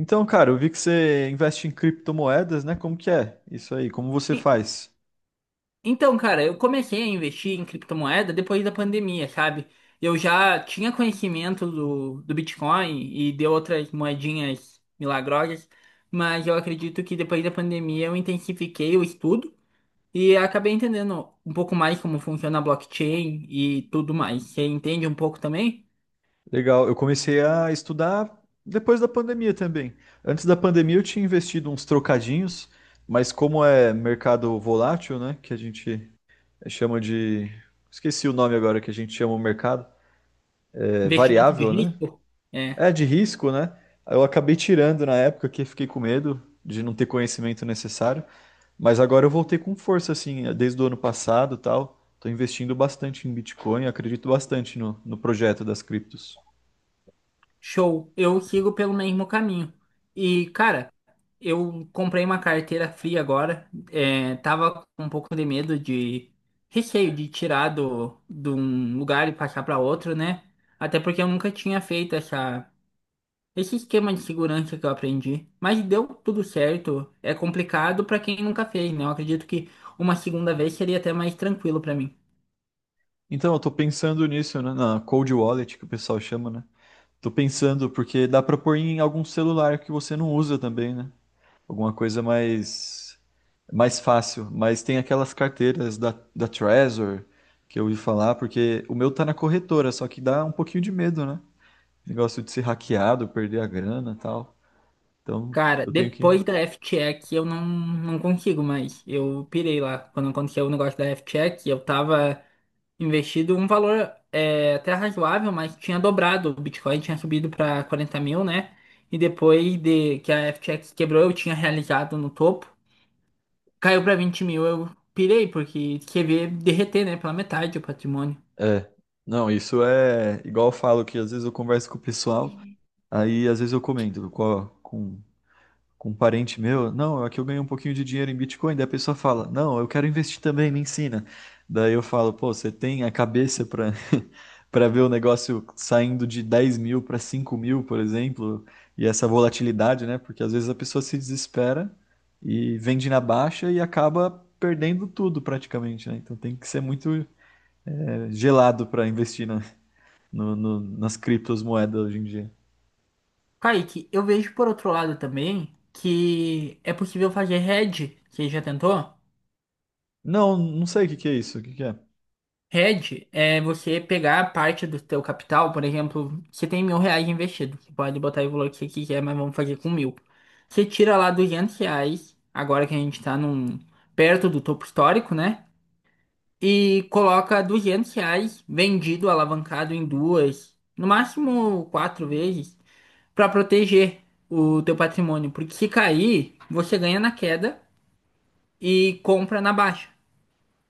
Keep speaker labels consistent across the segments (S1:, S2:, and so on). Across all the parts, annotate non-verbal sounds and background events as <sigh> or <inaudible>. S1: Então, cara, eu vi que você investe em criptomoedas, né? Como que é isso aí? Como você
S2: E-
S1: faz?
S2: Então, cara, eu comecei a investir em criptomoeda depois da pandemia, sabe? Eu já tinha conhecimento do Bitcoin e de outras moedinhas milagrosas, mas eu acredito que depois da pandemia eu intensifiquei o estudo e acabei entendendo um pouco mais como funciona a blockchain e tudo mais. Você entende um pouco também?
S1: Legal, eu comecei a estudar depois da pandemia também. Antes da pandemia eu tinha investido uns trocadinhos, mas como é mercado volátil, né? Que a gente chama de... Esqueci o nome agora que a gente chama o mercado. É
S2: Investimento de
S1: variável, né?
S2: risco? É.
S1: É de risco, né? Eu acabei tirando na época que fiquei com medo de não ter conhecimento necessário. Mas agora eu voltei com força, assim, desde o ano passado, e tal. Estou investindo bastante em Bitcoin, acredito bastante no projeto das criptos.
S2: Show, eu sigo pelo mesmo caminho. E, cara, eu comprei uma carteira fria agora. É, tava com um pouco de medo de receio de tirar de um lugar e passar para outro, né? Até porque eu nunca tinha feito esse esquema de segurança que eu aprendi. Mas deu tudo certo. É complicado para quem nunca fez, né? Eu acredito que uma segunda vez seria até mais tranquilo para mim.
S1: Então, eu tô pensando nisso, né, na Cold Wallet, que o pessoal chama, né? Tô pensando, porque dá para pôr em algum celular que você não usa também, né? Alguma coisa mais fácil. Mas tem aquelas carteiras da Trezor, que eu ouvi falar, porque o meu tá na corretora, só que dá um pouquinho de medo, né? Negócio de ser hackeado, perder a grana e tal. Então,
S2: Cara,
S1: eu tenho que.
S2: depois da F-Check eu não consigo mais. Eu pirei lá. Quando aconteceu o negócio da F-Check, eu tava investido um valor é, até razoável, mas tinha dobrado. O Bitcoin tinha subido para 40 mil, né? E depois de que a FTX quebrou, eu tinha realizado no topo. Caiu para 20 mil, eu pirei, porque você vê derreter, né? Pela metade o patrimônio.
S1: É, não, isso é igual eu falo que às vezes eu converso com o pessoal, aí às vezes eu comento com um parente meu, não, aqui eu ganhei um pouquinho de dinheiro em Bitcoin, daí a pessoa fala, não, eu quero investir também, me ensina. Daí eu falo, pô, você tem a cabeça para <laughs> para ver o negócio saindo de 10 mil para 5 mil, por exemplo, e essa volatilidade, né? Porque às vezes a pessoa se desespera e vende na baixa e acaba perdendo tudo praticamente, né? Então tem que ser muito gelado para investir nas criptomoedas hoje em dia.
S2: Kaique, eu vejo por outro lado também que é possível fazer hedge. Você já tentou?
S1: Não, não sei o que que é isso. O que que é?
S2: Hedge é você pegar parte do teu capital, por exemplo, você tem 1.000 reais investido, você pode botar o valor que você quiser, mas vamos fazer com mil. Você tira lá 200 reais, agora que a gente tá perto do topo histórico, né? E coloca 200 reais vendido, alavancado em duas, no máximo quatro vezes, para proteger o teu patrimônio. Porque se cair, você ganha na queda e compra na baixa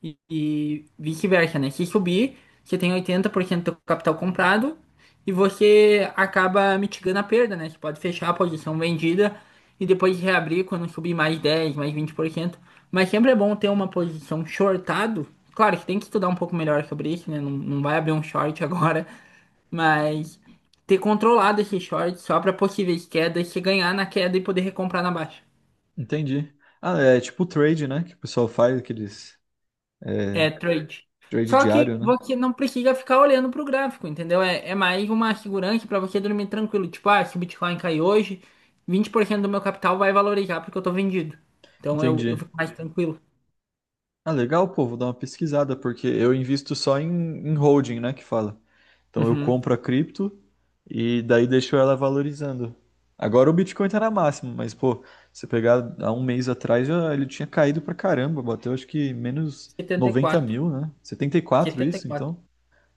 S2: e vice-versa, né? Se subir, você tem 80% do capital comprado e você acaba mitigando a perda, né? Você pode fechar a posição vendida e depois reabrir quando subir mais 10, mais 20%. Mas sempre é bom ter uma posição shortado. Claro que tem que estudar um pouco melhor sobre isso, né? Não, não vai abrir um short <laughs> agora, mas ter controlado esse short só para possíveis quedas, se ganhar na queda e poder recomprar na baixa.
S1: Entendi. Ah, é tipo trade, né? Que o pessoal faz aqueles
S2: É trade.
S1: trade
S2: Só que
S1: diário, né?
S2: você não precisa ficar olhando pro gráfico, entendeu? É, é mais uma segurança para você dormir tranquilo. Tipo, ah, se o Bitcoin cair hoje, 20% do meu capital vai valorizar porque eu tô vendido. Então eu
S1: Entendi.
S2: fico mais tranquilo.
S1: Ah, legal, pô, vou dar uma pesquisada, porque eu invisto só em holding, né? Que fala. Então eu
S2: Uhum.
S1: compro a cripto e daí deixo ela valorizando. Agora o Bitcoin tá na máxima, mas, pô, se você pegar há um mês atrás, já ele tinha caído pra caramba, bateu acho que menos
S2: setenta e
S1: 90
S2: quatro.
S1: mil, né? 74
S2: setenta e
S1: isso,
S2: quatro.
S1: então.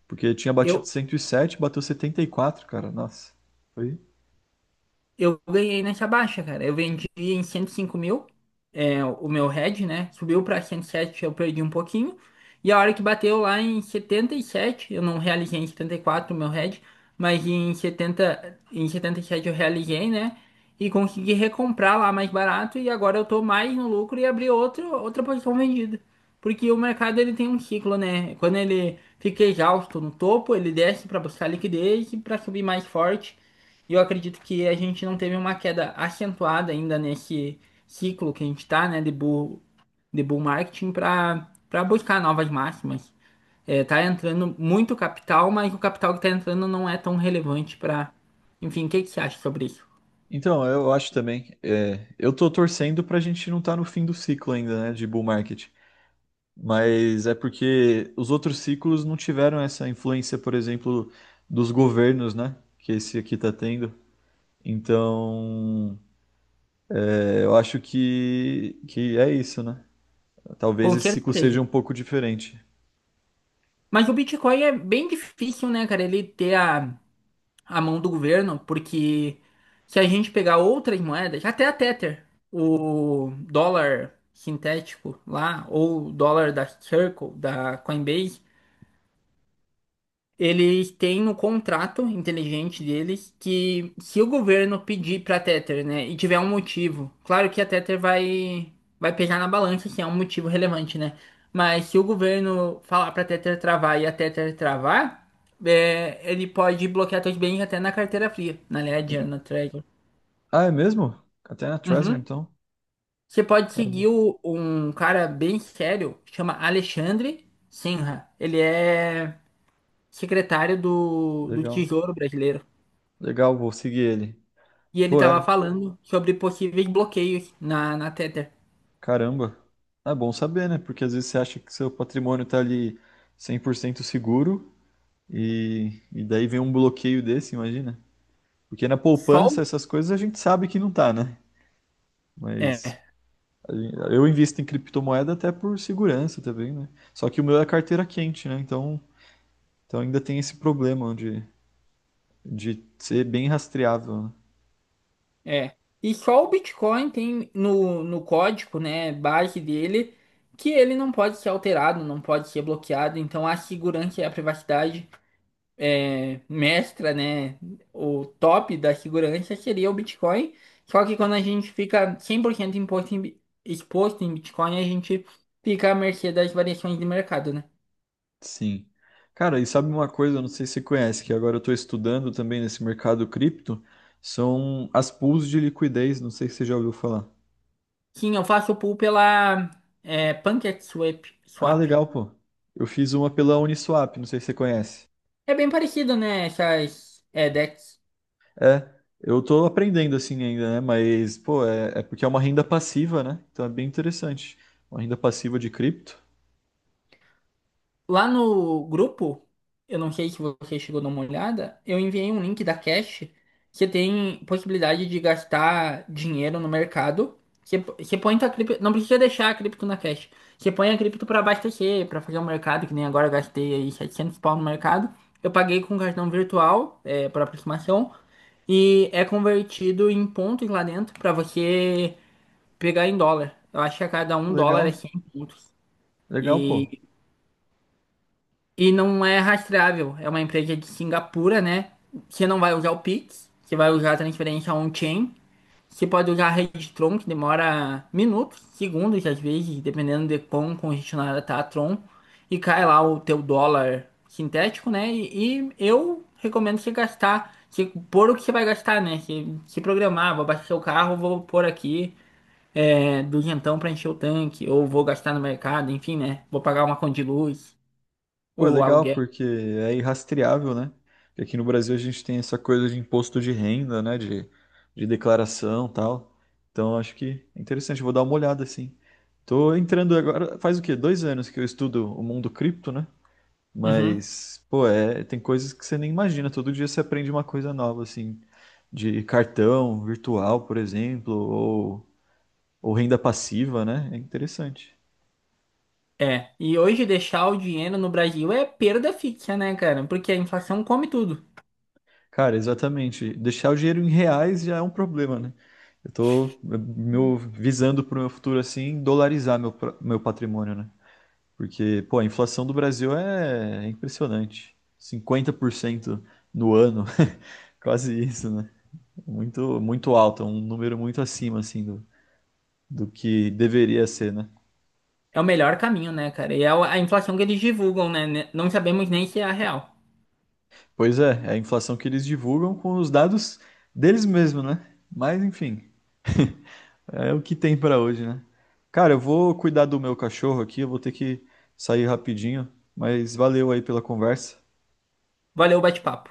S1: Porque tinha batido
S2: Eu,
S1: 107, bateu 74, cara. Nossa. Foi.
S2: Eu ganhei nessa baixa, cara. Eu vendi em 105 mil, é, o meu head, né? Subiu para 107, eu perdi um pouquinho. E a hora que bateu lá em 77, eu não realizei em 74 o meu head, mas em 70, em 77 eu realizei, né? E consegui recomprar lá mais barato e agora eu tô mais no lucro e abri outra posição vendida. Porque o mercado ele tem um ciclo, né? Quando ele fica exausto no topo, ele desce para buscar liquidez e para subir mais forte. E eu acredito que a gente não teve uma queda acentuada ainda nesse ciclo que a gente está, né, de bull marketing para buscar novas máximas. É, tá entrando muito capital, mas o capital que está entrando não é tão relevante para. Enfim, o que que você acha sobre isso?
S1: Então, eu acho também. É, eu tô torcendo pra gente não estar no fim do ciclo ainda, né, de bull market. Mas é porque os outros ciclos não tiveram essa influência, por exemplo, dos governos, né, que esse aqui tá tendo. Então, eu acho que é isso, né? Talvez
S2: Com
S1: esse ciclo seja
S2: certeza.
S1: um pouco diferente.
S2: Mas o Bitcoin é bem difícil, né, cara? Ele ter a mão do governo, porque se a gente pegar outras moedas, até a Tether, o dólar sintético lá, ou o dólar da Circle, da Coinbase, eles têm no contrato inteligente deles que se o governo pedir pra Tether, né, e tiver um motivo, claro que a Tether vai pesar na balança se é um motivo relevante, né? Mas se o governo falar pra Tether travar e a Tether travar, é, ele pode bloquear seus bens até na carteira fria, na Ledger, na Trezor.
S1: Ah, é mesmo? Até na Treasure,
S2: Uhum.
S1: então?
S2: Você pode
S1: Caramba,
S2: seguir um cara bem sério, chama Alexandre Sinha. Ele é secretário do
S1: legal.
S2: Tesouro Brasileiro.
S1: Legal, vou seguir ele.
S2: E ele
S1: Pô,
S2: tava
S1: é,
S2: falando sobre possíveis bloqueios na Tether.
S1: caramba. É bom saber, né? Porque às vezes você acha que seu patrimônio tá ali 100% seguro e daí vem um bloqueio desse, imagina. Porque na
S2: Só
S1: poupança,
S2: o-
S1: essas coisas a gente sabe que não tá, né? Mas
S2: É,
S1: a gen- eu invisto em criptomoeda até por segurança também, né? Só que o meu é carteira quente, né? Então, ainda tem esse problema de ser bem rastreável, né?
S2: é. E só o Bitcoin tem no código, né, base dele, que ele não pode ser alterado, não pode ser bloqueado. Então a segurança e a privacidade é, mestra, né, o top da segurança seria o Bitcoin. Só que quando a gente fica 100% imposto em exposto em Bitcoin, a gente fica à mercê das variações de mercado, né?
S1: Sim. Cara, e sabe uma coisa, eu não sei se você conhece, que agora eu estou estudando também nesse mercado cripto, são as pools de liquidez, não sei se você já ouviu falar.
S2: Sim, eu faço pool pela é, Pancake Swap.
S1: Ah,
S2: Swap.
S1: legal, pô. Eu fiz uma pela Uniswap, não sei se você conhece.
S2: É bem parecido, né? Essas é, decks.
S1: É, eu tô aprendendo assim ainda, né? Mas, pô, é, é porque é uma renda passiva, né? Então é bem interessante. Uma renda passiva de cripto.
S2: Lá no grupo, eu não sei se você chegou a dar uma olhada, eu enviei um link da Cash que tem possibilidade de gastar dinheiro no mercado. Você põe tua cripto, não precisa deixar a cripto na Cash. Você põe a cripto para abastecer, para fazer o mercado, que nem agora eu gastei aí 700 pau no mercado. Eu paguei com cartão virtual, é, por aproximação, e é convertido em pontos lá dentro para você pegar em dólar. Eu acho que a cada um dólar é
S1: Legal,
S2: 100 pontos.
S1: legal, pô.
S2: E não é rastreável. É uma empresa de Singapura, né? Você não vai usar o Pix, você vai usar a transferência on-chain. Você pode usar a rede Tron, que demora minutos, segundos às vezes, dependendo de quão congestionada tá a Tron. E cai lá o teu dólar sintético, né? E eu recomendo você gastar, você pôr o que você vai gastar, né? Você se programar, vou abastecer o carro, vou pôr aqui é, duzentão para encher o tanque, ou vou gastar no mercado, enfim, né? Vou pagar uma conta de luz,
S1: Pô, é
S2: ou
S1: legal
S2: aluguel.
S1: porque é irrastreável, né? Porque aqui no Brasil a gente tem essa coisa de imposto de renda, né? De declaração e tal. Então acho que é interessante, vou dar uma olhada assim. Tô entrando agora, faz o quê? 2 anos que eu estudo o mundo cripto, né?
S2: Uhum.
S1: Mas, pô, é, tem coisas que você nem imagina. Todo dia você aprende uma coisa nova, assim, de cartão virtual, por exemplo, ou renda passiva, né? É interessante.
S2: É. E hoje deixar o dinheiro no Brasil é perda fixa, né, cara? Porque a inflação come tudo.
S1: Cara, exatamente. Deixar o dinheiro em reais já é um problema, né? Eu tô meu, visando pro meu futuro assim, dolarizar meu patrimônio, né? Porque, pô, a inflação do Brasil é impressionante. 50% no ano, <laughs> quase isso, né? Muito, muito alta, um número muito acima, assim, do, que deveria ser, né?
S2: É o melhor caminho, né, cara? E é a inflação que eles divulgam, né? Não sabemos nem se é a real.
S1: Pois é, é a inflação que eles divulgam com os dados deles mesmos, né? Mas, enfim, é o que tem pra hoje, né? Cara, eu vou cuidar do meu cachorro aqui, eu vou ter que sair rapidinho, mas valeu aí pela conversa.
S2: Valeu o bate-papo.